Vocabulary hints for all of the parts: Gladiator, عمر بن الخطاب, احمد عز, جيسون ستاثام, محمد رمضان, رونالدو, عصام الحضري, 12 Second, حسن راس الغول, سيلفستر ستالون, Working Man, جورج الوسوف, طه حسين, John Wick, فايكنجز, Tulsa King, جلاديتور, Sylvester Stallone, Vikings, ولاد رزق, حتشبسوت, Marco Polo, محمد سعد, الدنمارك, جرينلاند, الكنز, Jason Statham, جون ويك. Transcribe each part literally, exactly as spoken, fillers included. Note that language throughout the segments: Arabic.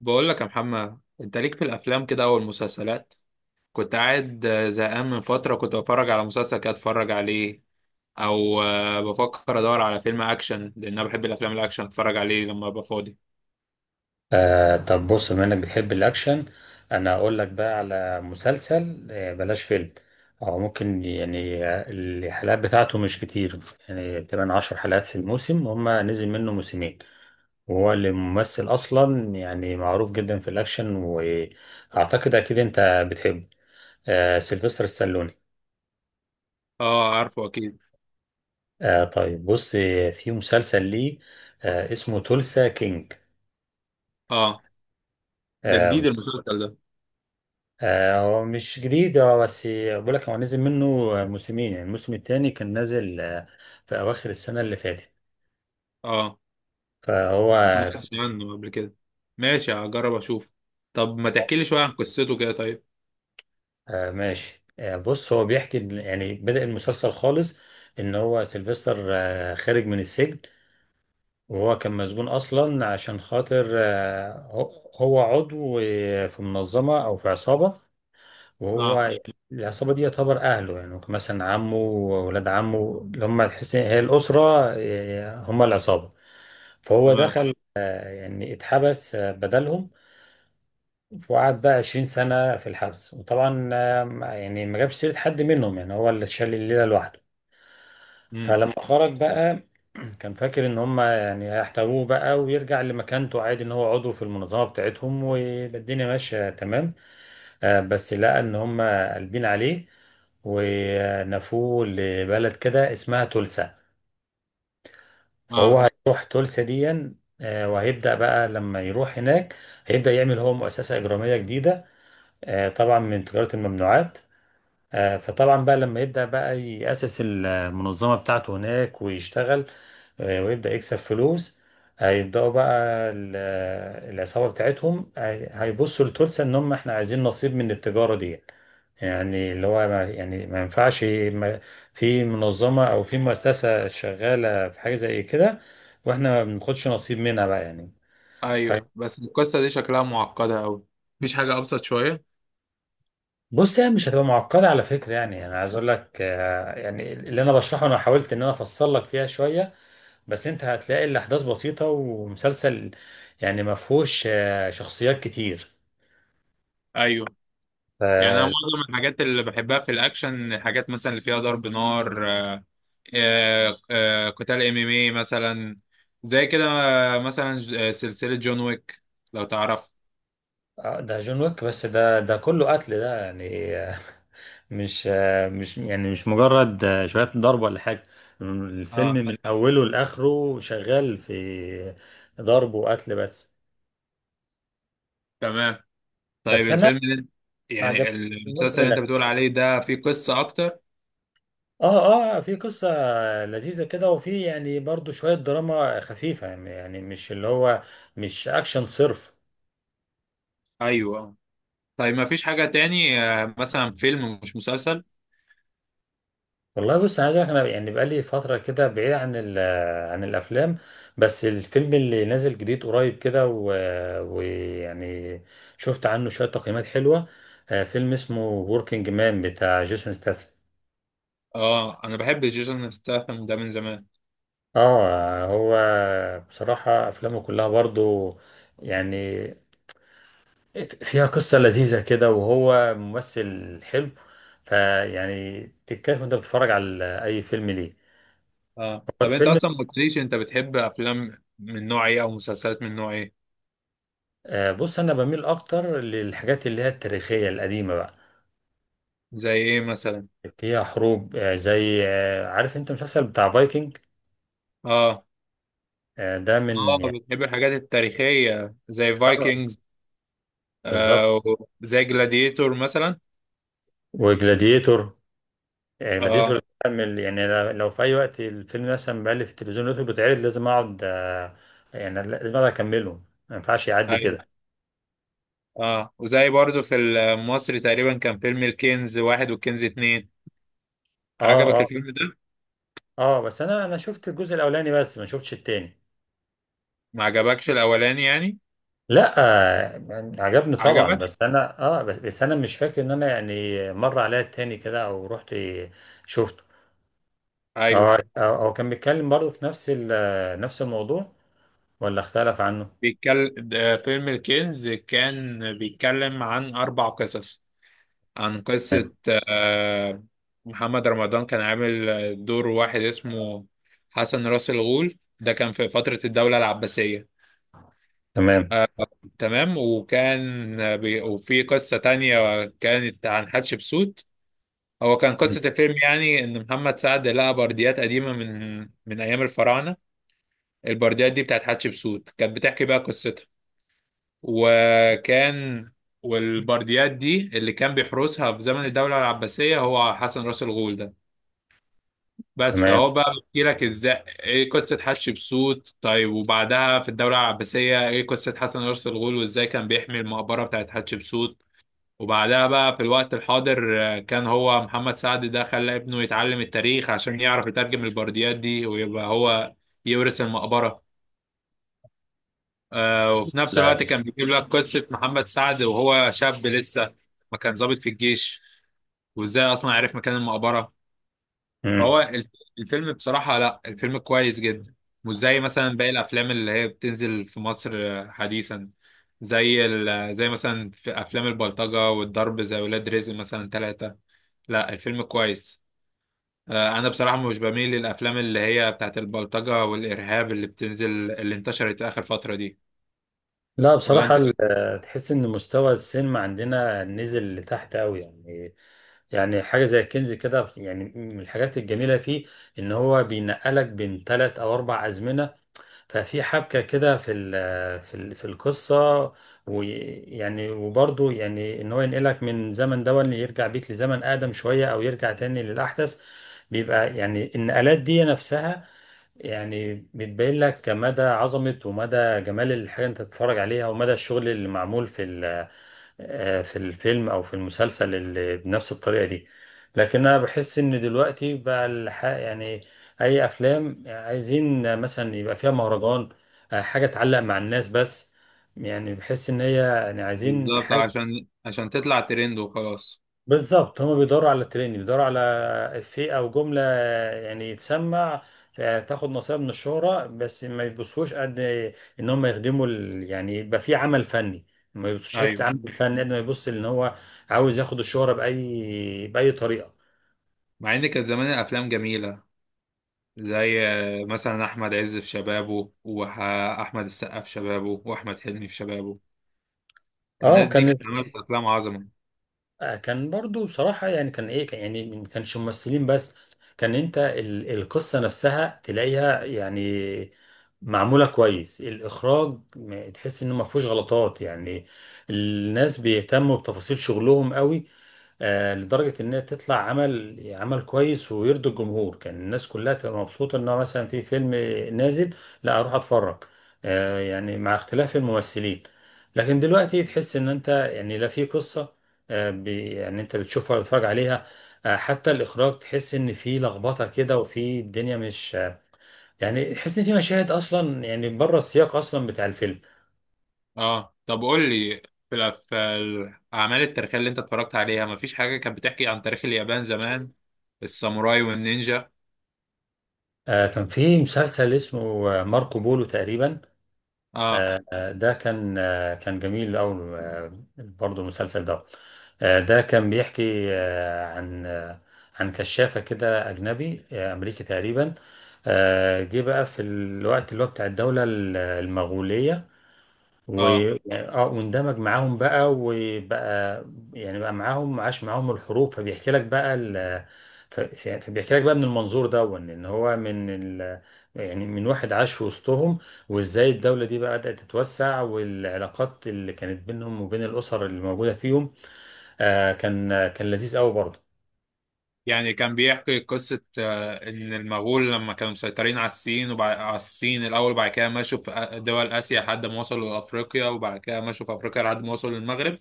بقول لك يا محمد، انت ليك في الافلام كده او المسلسلات؟ كنت قاعد آه، زهقان من فتره، كنت بتفرج على مسلسل كده اتفرج عليه. او آه، بفكر ادور على فيلم اكشن، لان انا بحب الافلام الاكشن اتفرج عليه لما ابقى فاضي. آه طب بص، بما انك بتحب الاكشن، انا اقول لك بقى على مسلسل، آه بلاش فيلم. او ممكن يعني، آه، الحلقات بتاعته مش كتير. يعني تقريبا عشر حلقات في الموسم، هما نزل منه موسمين. وهو اللي ممثل اصلا، يعني معروف جدا في الاكشن، واعتقد اكيد انت بتحبه. آه سيلفستر السالوني. اه، عارفه اكيد. آه طيب بص، آه، في مسلسل ليه آه اسمه تولسا كينج. اه، ده آه، جديد المسلسل ده؟ آه، هو مش جديد، هو بس بقول لك هو نزل منه موسمين، يعني الموسم الثاني كان نازل آه، في أواخر السنة اللي فاتت. اه، فهو أنا ما سمعتش عنه قبل كده. ماشي، هجرب اشوف. طب ما تحكي لي شويه عن قصته كده، طيب؟ آه، ماشي. آه، بص هو بيحكي إن- يعني بدأ المسلسل خالص، إن هو سيلفستر آه، خارج من السجن. وهو كان مسجون أصلا عشان خاطر آه، هو هو عضو آه، في منظمة أو في عصابة. وهو اه. يعني العصابة دي يعتبر أهله، يعني مثلا عمه وولاد عمه اللي هم الحس- هي الأسرة، إيه، هم العصابة. فهو تمام. دخل آه، يعني اتحبس آه، بدلهم. وقعد بقى 20 سنة في الحبس. وطبعا آه، ما- يعني ما جابش سيرة حد منهم، يعني هو اللي شال الليلة لوحده. امم. فلما خرج بقى كان فاكر ان هم يعني هيحتووه بقى ويرجع لمكانته عادي، ان هو عضو في المنظمة بتاعتهم والدنيا ماشية تمام. آه، بس لقى ان هم قلبين عليه ونفوه لبلد كده اسمها تولسا. فهو اه. هيروح تولسا دي. آه، وهيبدأ بقى لما يروح هناك، هيبدأ يعمل هو مؤسسة إجرامية جديدة، آه، طبعا من تجارة الممنوعات. آه، فطبعا بقى لما يبدأ بقى يأسس المنظمة بتاعته هناك ويشتغل، آه، ويبدأ يكسب فلوس. هيبدأوا بقى ال- العصابة بتاعتهم هي- هيبصوا لتولسا ان هم احنا عايزين نصيب من التجارة دي. يعني اللي هو ما يعني ما ينفعش ما- في منظمة او في مؤسسة شغالة في حاجة زي كده، واحنا ما بناخدش نصيب منها بقى يعني. ايوه، بس القصه دي شكلها معقده قوي. مفيش حاجه ابسط شويه؟ فبص، يعني مش هتبقى معقدة على فكرة. يعني انا عايز اقول لك آه، يعني اللي انا بشرحه، انا حاولت ان انا افصل لك فيها شوية، بس انت هتلاقي الاحداث بسيطه ومسلسل، يعني ما فيهوش آه، شخصيات كتير. ايوه. ف- يعني انا معظم الحاجات اللي بحبها في الاكشن، الحاجات مثلا اللي فيها ضرب نار، آه، آه، آه، قتال ام ام اي مثلا، زي كده آه، مثلا ج- آه، سلسلة جون ويك، لو تعرف. آه، ده جون ويك، بس ده ده كله قتل، ده يعني آه، مش آه، مش يعني مش مجرد آه، شويه ضرب ولا حاجه. الفيلم اه، من اوله لاخره شغال في ضرب وقتل بس. تمام. طيب بس انا الفيلم اللي انت- ما يعني عجبنيش المسلسل الموسم اللي انت الاخير. بتقول عليه ده فيه قصة اكتر. اه، اه، في قصه لذيذه كده، وفي يعني برضو شويه دراما خفيفه، يعني مش اللي هو مش اكشن صرف. ايوه. طيب، ما فيش حاجة تاني آه، مثلا فيلم مش مسلسل؟ والله بص، عايز اقولك انا يعني بقالي فتره كده بعيد عن ال- عن الافلام، بس الفيلم اللي نازل جديد قريب كده و- ويعني شفت عنه شويه تقييمات حلوه. آه، فيلم اسمه وركينج مان، بتاع جيسون ستاثام. اه، انا بحب جيسون ستاثام ده من زمان. اه هو بصراحه افلامه كلها برضو يعني فيها قصه لذيذه كده، وهو ممثل حلو. فيعني تتكيف وانت بتتفرج على اي فيلم ليه. اه، هو طب انت الفيلم، اصلا ما قلتليش، انت بتحب افلام من نوع ايه او مسلسلات من نوع ايه؟ آه، بص انا بميل اكتر للحاجات اللي هي التاريخيه القديمه بقى، زي ايه مثلا؟ فيها حروب، آه، زي آه، عارف انت المسلسل بتاع فايكنج. اه، آه، ده من اه، يعني. بتحب الحاجات التاريخية زي آه، فايكنجز؟ بالظبط. آه، زي جلاديتور مثلا؟ وجلاديتور، آه، جلاديتور اه، ده كان من- يعني ل- لو في اي وقت الفيلم مثلا بقى في التلفزيون لقيته بيتعرض لازم اقعد، آه، يعني لازم اقعد اكمله، ما ينفعش يعدي ايوه. كده. اه، وزي برضو في مصر تقريبا كان فيلم الكنز واحد والكنز اتنين. اه، عجبك اه، الفيلم ده؟ اه، بس انا انا شفت الجزء الاولاني، بس ما شفتش التاني. ما عجبكش الأولاني يعني؟ لا، آه، يعني عجبني طبعا، عجبك؟ بس انا اه بس بس انا مش فاكر ان انا يعني مر عليا التاني كده او رحت شفته، او ايوه، او أو كان بيتكلم برضه في نفس ال- نفس الموضوع، ولا اختلف عنه. بيتكلم. فيلم الكنز كان بيتكلم عن أربع قصص، عن قصة آه، محمد رمضان، كان عامل آه، دور واحد اسمه حسن راس الغول، ده كان في فترة الدولة العباسية. تمام. تمام، وكان آه، بي... وفي قصة تانية كانت عن حتشبسوت. هو كان مم. قصة الفيلم يعني إن محمد سعد لقى برديات قديمة من من أيام الفراعنة. البرديات دي بتاعت حتشبسوت كانت بتحكي بقى قصتها. وكان والبرديات دي اللي كان بيحرسها في زمن الدولة العباسية هو حسن راس الغول ده. بس تمام. فهو بقى بيحكي لك ازاي ايه قصه حش بسوت، طيب وبعدها في الدوله العباسيه ايه قصه حسن رأس الغول وازاي كان بيحمي المقبره بتاعت حتشبسوت. وبعدها بقى في الوقت الحاضر، آه، كان هو محمد سعد ده خلى ابنه يتعلم التاريخ عشان يعرف يترجم البرديات دي ويبقى هو يورث المقبره. آه، وفي نفس الوقت لا. كان بيجيب لك قصه محمد سعد وهو شاب لسه ما كان ضابط في الجيش وازاي اصلا عرف مكان المقبره. مم. هو الف- الفيلم بصراحة، لا الفيلم كويس جدا. مش زي مثلا باقي الأفلام اللي هي بتنزل في مصر آه، حديثا، زي ال... زي مثلا في أفلام البلطجة والضرب، زي ولاد رزق مثلا ثلاثة. لا، الفيلم كويس. آه، أنا بصراحة مش بميل للأفلام اللي هي بتاعت البلطجة والإرهاب اللي بتنزل اللي انتشرت آخر فترة دي. لا ولا بصراحة، أنت ال- إيه؟ آه، تحس ان مستوى السينما عندنا نزل لتحت قوي يعني. يعني حاجة زي الكنز كده، يعني من الحاجات الجميلة فيه ان هو بينقلك بين ثلاث او اربع ازمنة. ففي حبكة كده في ال- في ال- في القصة. ويعني وبرضه يعني ان هو ينقلك من زمن ده اللي يرجع بيك لزمن اقدم شوية، او يرجع تاني للاحدث. بيبقى يعني النقلات دي نفسها، يعني بتبين لك مدى عظمة ومدى جمال الحاجة انت تتفرج عليها، ومدى الشغل اللي معمول في ال، آه، في الفيلم او في المسلسل اللي بنفس الطريقه دي. لكن انا بحس ان دلوقتي بقى الح- يعني اي افلام عايزين مثلا يبقى فيها مهرجان، آه، حاجه تعلق مع الناس بس. يعني بحس ان هي يعني عايزين بالظبط، حاجه. عشان عشان تطلع ترند وخلاص. بالظبط، هما بيدوروا على ترند، بيدوروا على افيه او جمله يعني يتسمع، آه، تاخد نصيب من الشهره بس. ما يبصوش قد ان هم يخدموا ال... يعني يبقى في عمل فني، ما يبصوش حته أيوه، عمل فني قد ما يبص ان هو عاوز ياخد الشهره باي باي طريقه. مع إن كانت زمان الأفلام جميلة، زي آه، مثلا احمد عز في شبابه واحمد السقا في شبابه واحمد حلمي في شبابه. اه الناس دي كان كانت عملت افلام عظمه. آه، كان برضو بصراحة يعني كان ايه، كان يعني ما كانش ممثلين بس، كان انت ال- القصة نفسها تلاقيها يعني معمولة كويس. الإخراج م- تحس إنه ما فيهوش غلطات يعني، الناس بيهتموا بتفاصيل شغلهم قوي، آه، لدرجة إنها تطلع عمل عمل كويس ويرضي الجمهور. كان الناس كلها تبقى مبسوطة إنها مثلا في فيلم نازل، لا أروح أتفرج، آه، يعني مع اختلاف الممثلين. لكن دلوقتي تحس إن أنت يعني لا في قصة، آه، بي- يعني انت بتشوفها وتتفرج عليها. آه، حتى الاخراج تحس ان في لخبطه كده، وفي الدنيا مش آه، يعني تحس ان في مشاهد اصلا يعني بره السياق اصلا بتاع الفيلم. اه، طب قول لي، في الأف- في الاعمال التاريخيه اللي انت اتفرجت عليها ما فيش حاجه كانت بتحكي عن تاريخ اليابان زمان، الساموراي والنينجا؟ آه، كان في مسلسل اسمه آه، ماركو بولو تقريبا. اه. آه، آه، ده كان آه، كان جميل قوي برضه المسلسل ده. آه، ده كان بيحكي آه، عن آه، عن كشافه كده اجنبي، آه، امريكي تقريبا. آه، جه بقى في الوقت اللي هو بتاع الدوله المغوليه، اه، واه، واندمج معاهم بقى وبقى يعني بقى معاهم، عاش معاهم الحروب، فبيحكي لك بقى ال... ف- ف- فبيحكي لك بقى من المنظور ده، وان إن هو من ال... يعني من واحد عاش في وسطهم، وازاي الدولة دي بقى بدأت تتوسع، والعلاقات اللي كانت بينهم وبين الأسر اللي موجودة فيهم. آه كان كان لذيذ قوي برضه. يعني كان بيحكي قصه آه، ان المغول لما كانوا مسيطرين على الصين، وبعد على الصين الاول وبعد كده مشوا في آ- دول اسيا لحد ما وصلوا لافريقيا، وبعد كده مشوا في افريقيا لحد ما وصلوا للمغرب.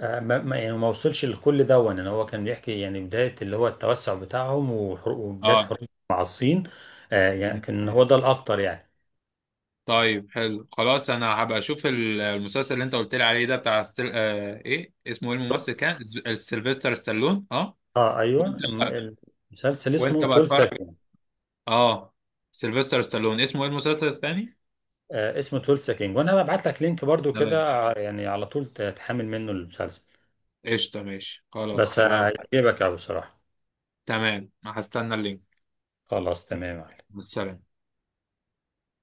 آه ما ما- يعني ما وصلش لكل ده، وان هو كان بيحكي يعني بداية اللي هو التوسع بتاعهم، وحرو- وبداية اه، حروب مع الصين. آه يعني كان هو ده الأكتر يعني. طيب حلو خلاص، انا هبقى اشوف ال- المسلسل اللي انت قلت لي عليه ده بتاع ستيل... آه... ايه اسمه، ايه الممثل كان ز- آه، سيلفستر ستالون، اه. اه وانت ايوه، بقى الم- المسلسل وانت اسمه بقى 12 اتفرج. سكند. اه. سيلفستر ستالون، اسمه ايه المسلسل الثاني؟ آه اسمه 12 سكند، وانا ببعت لك لينك برضو تمام. كده ع- يعني على طول ت- تحمل منه المسلسل. قشطه، ماشي خلاص بس خلاص يبقى. هيعجبك قوي بصراحه. تمام، هستنى اللينك. خلاص تمام. بالسلامه.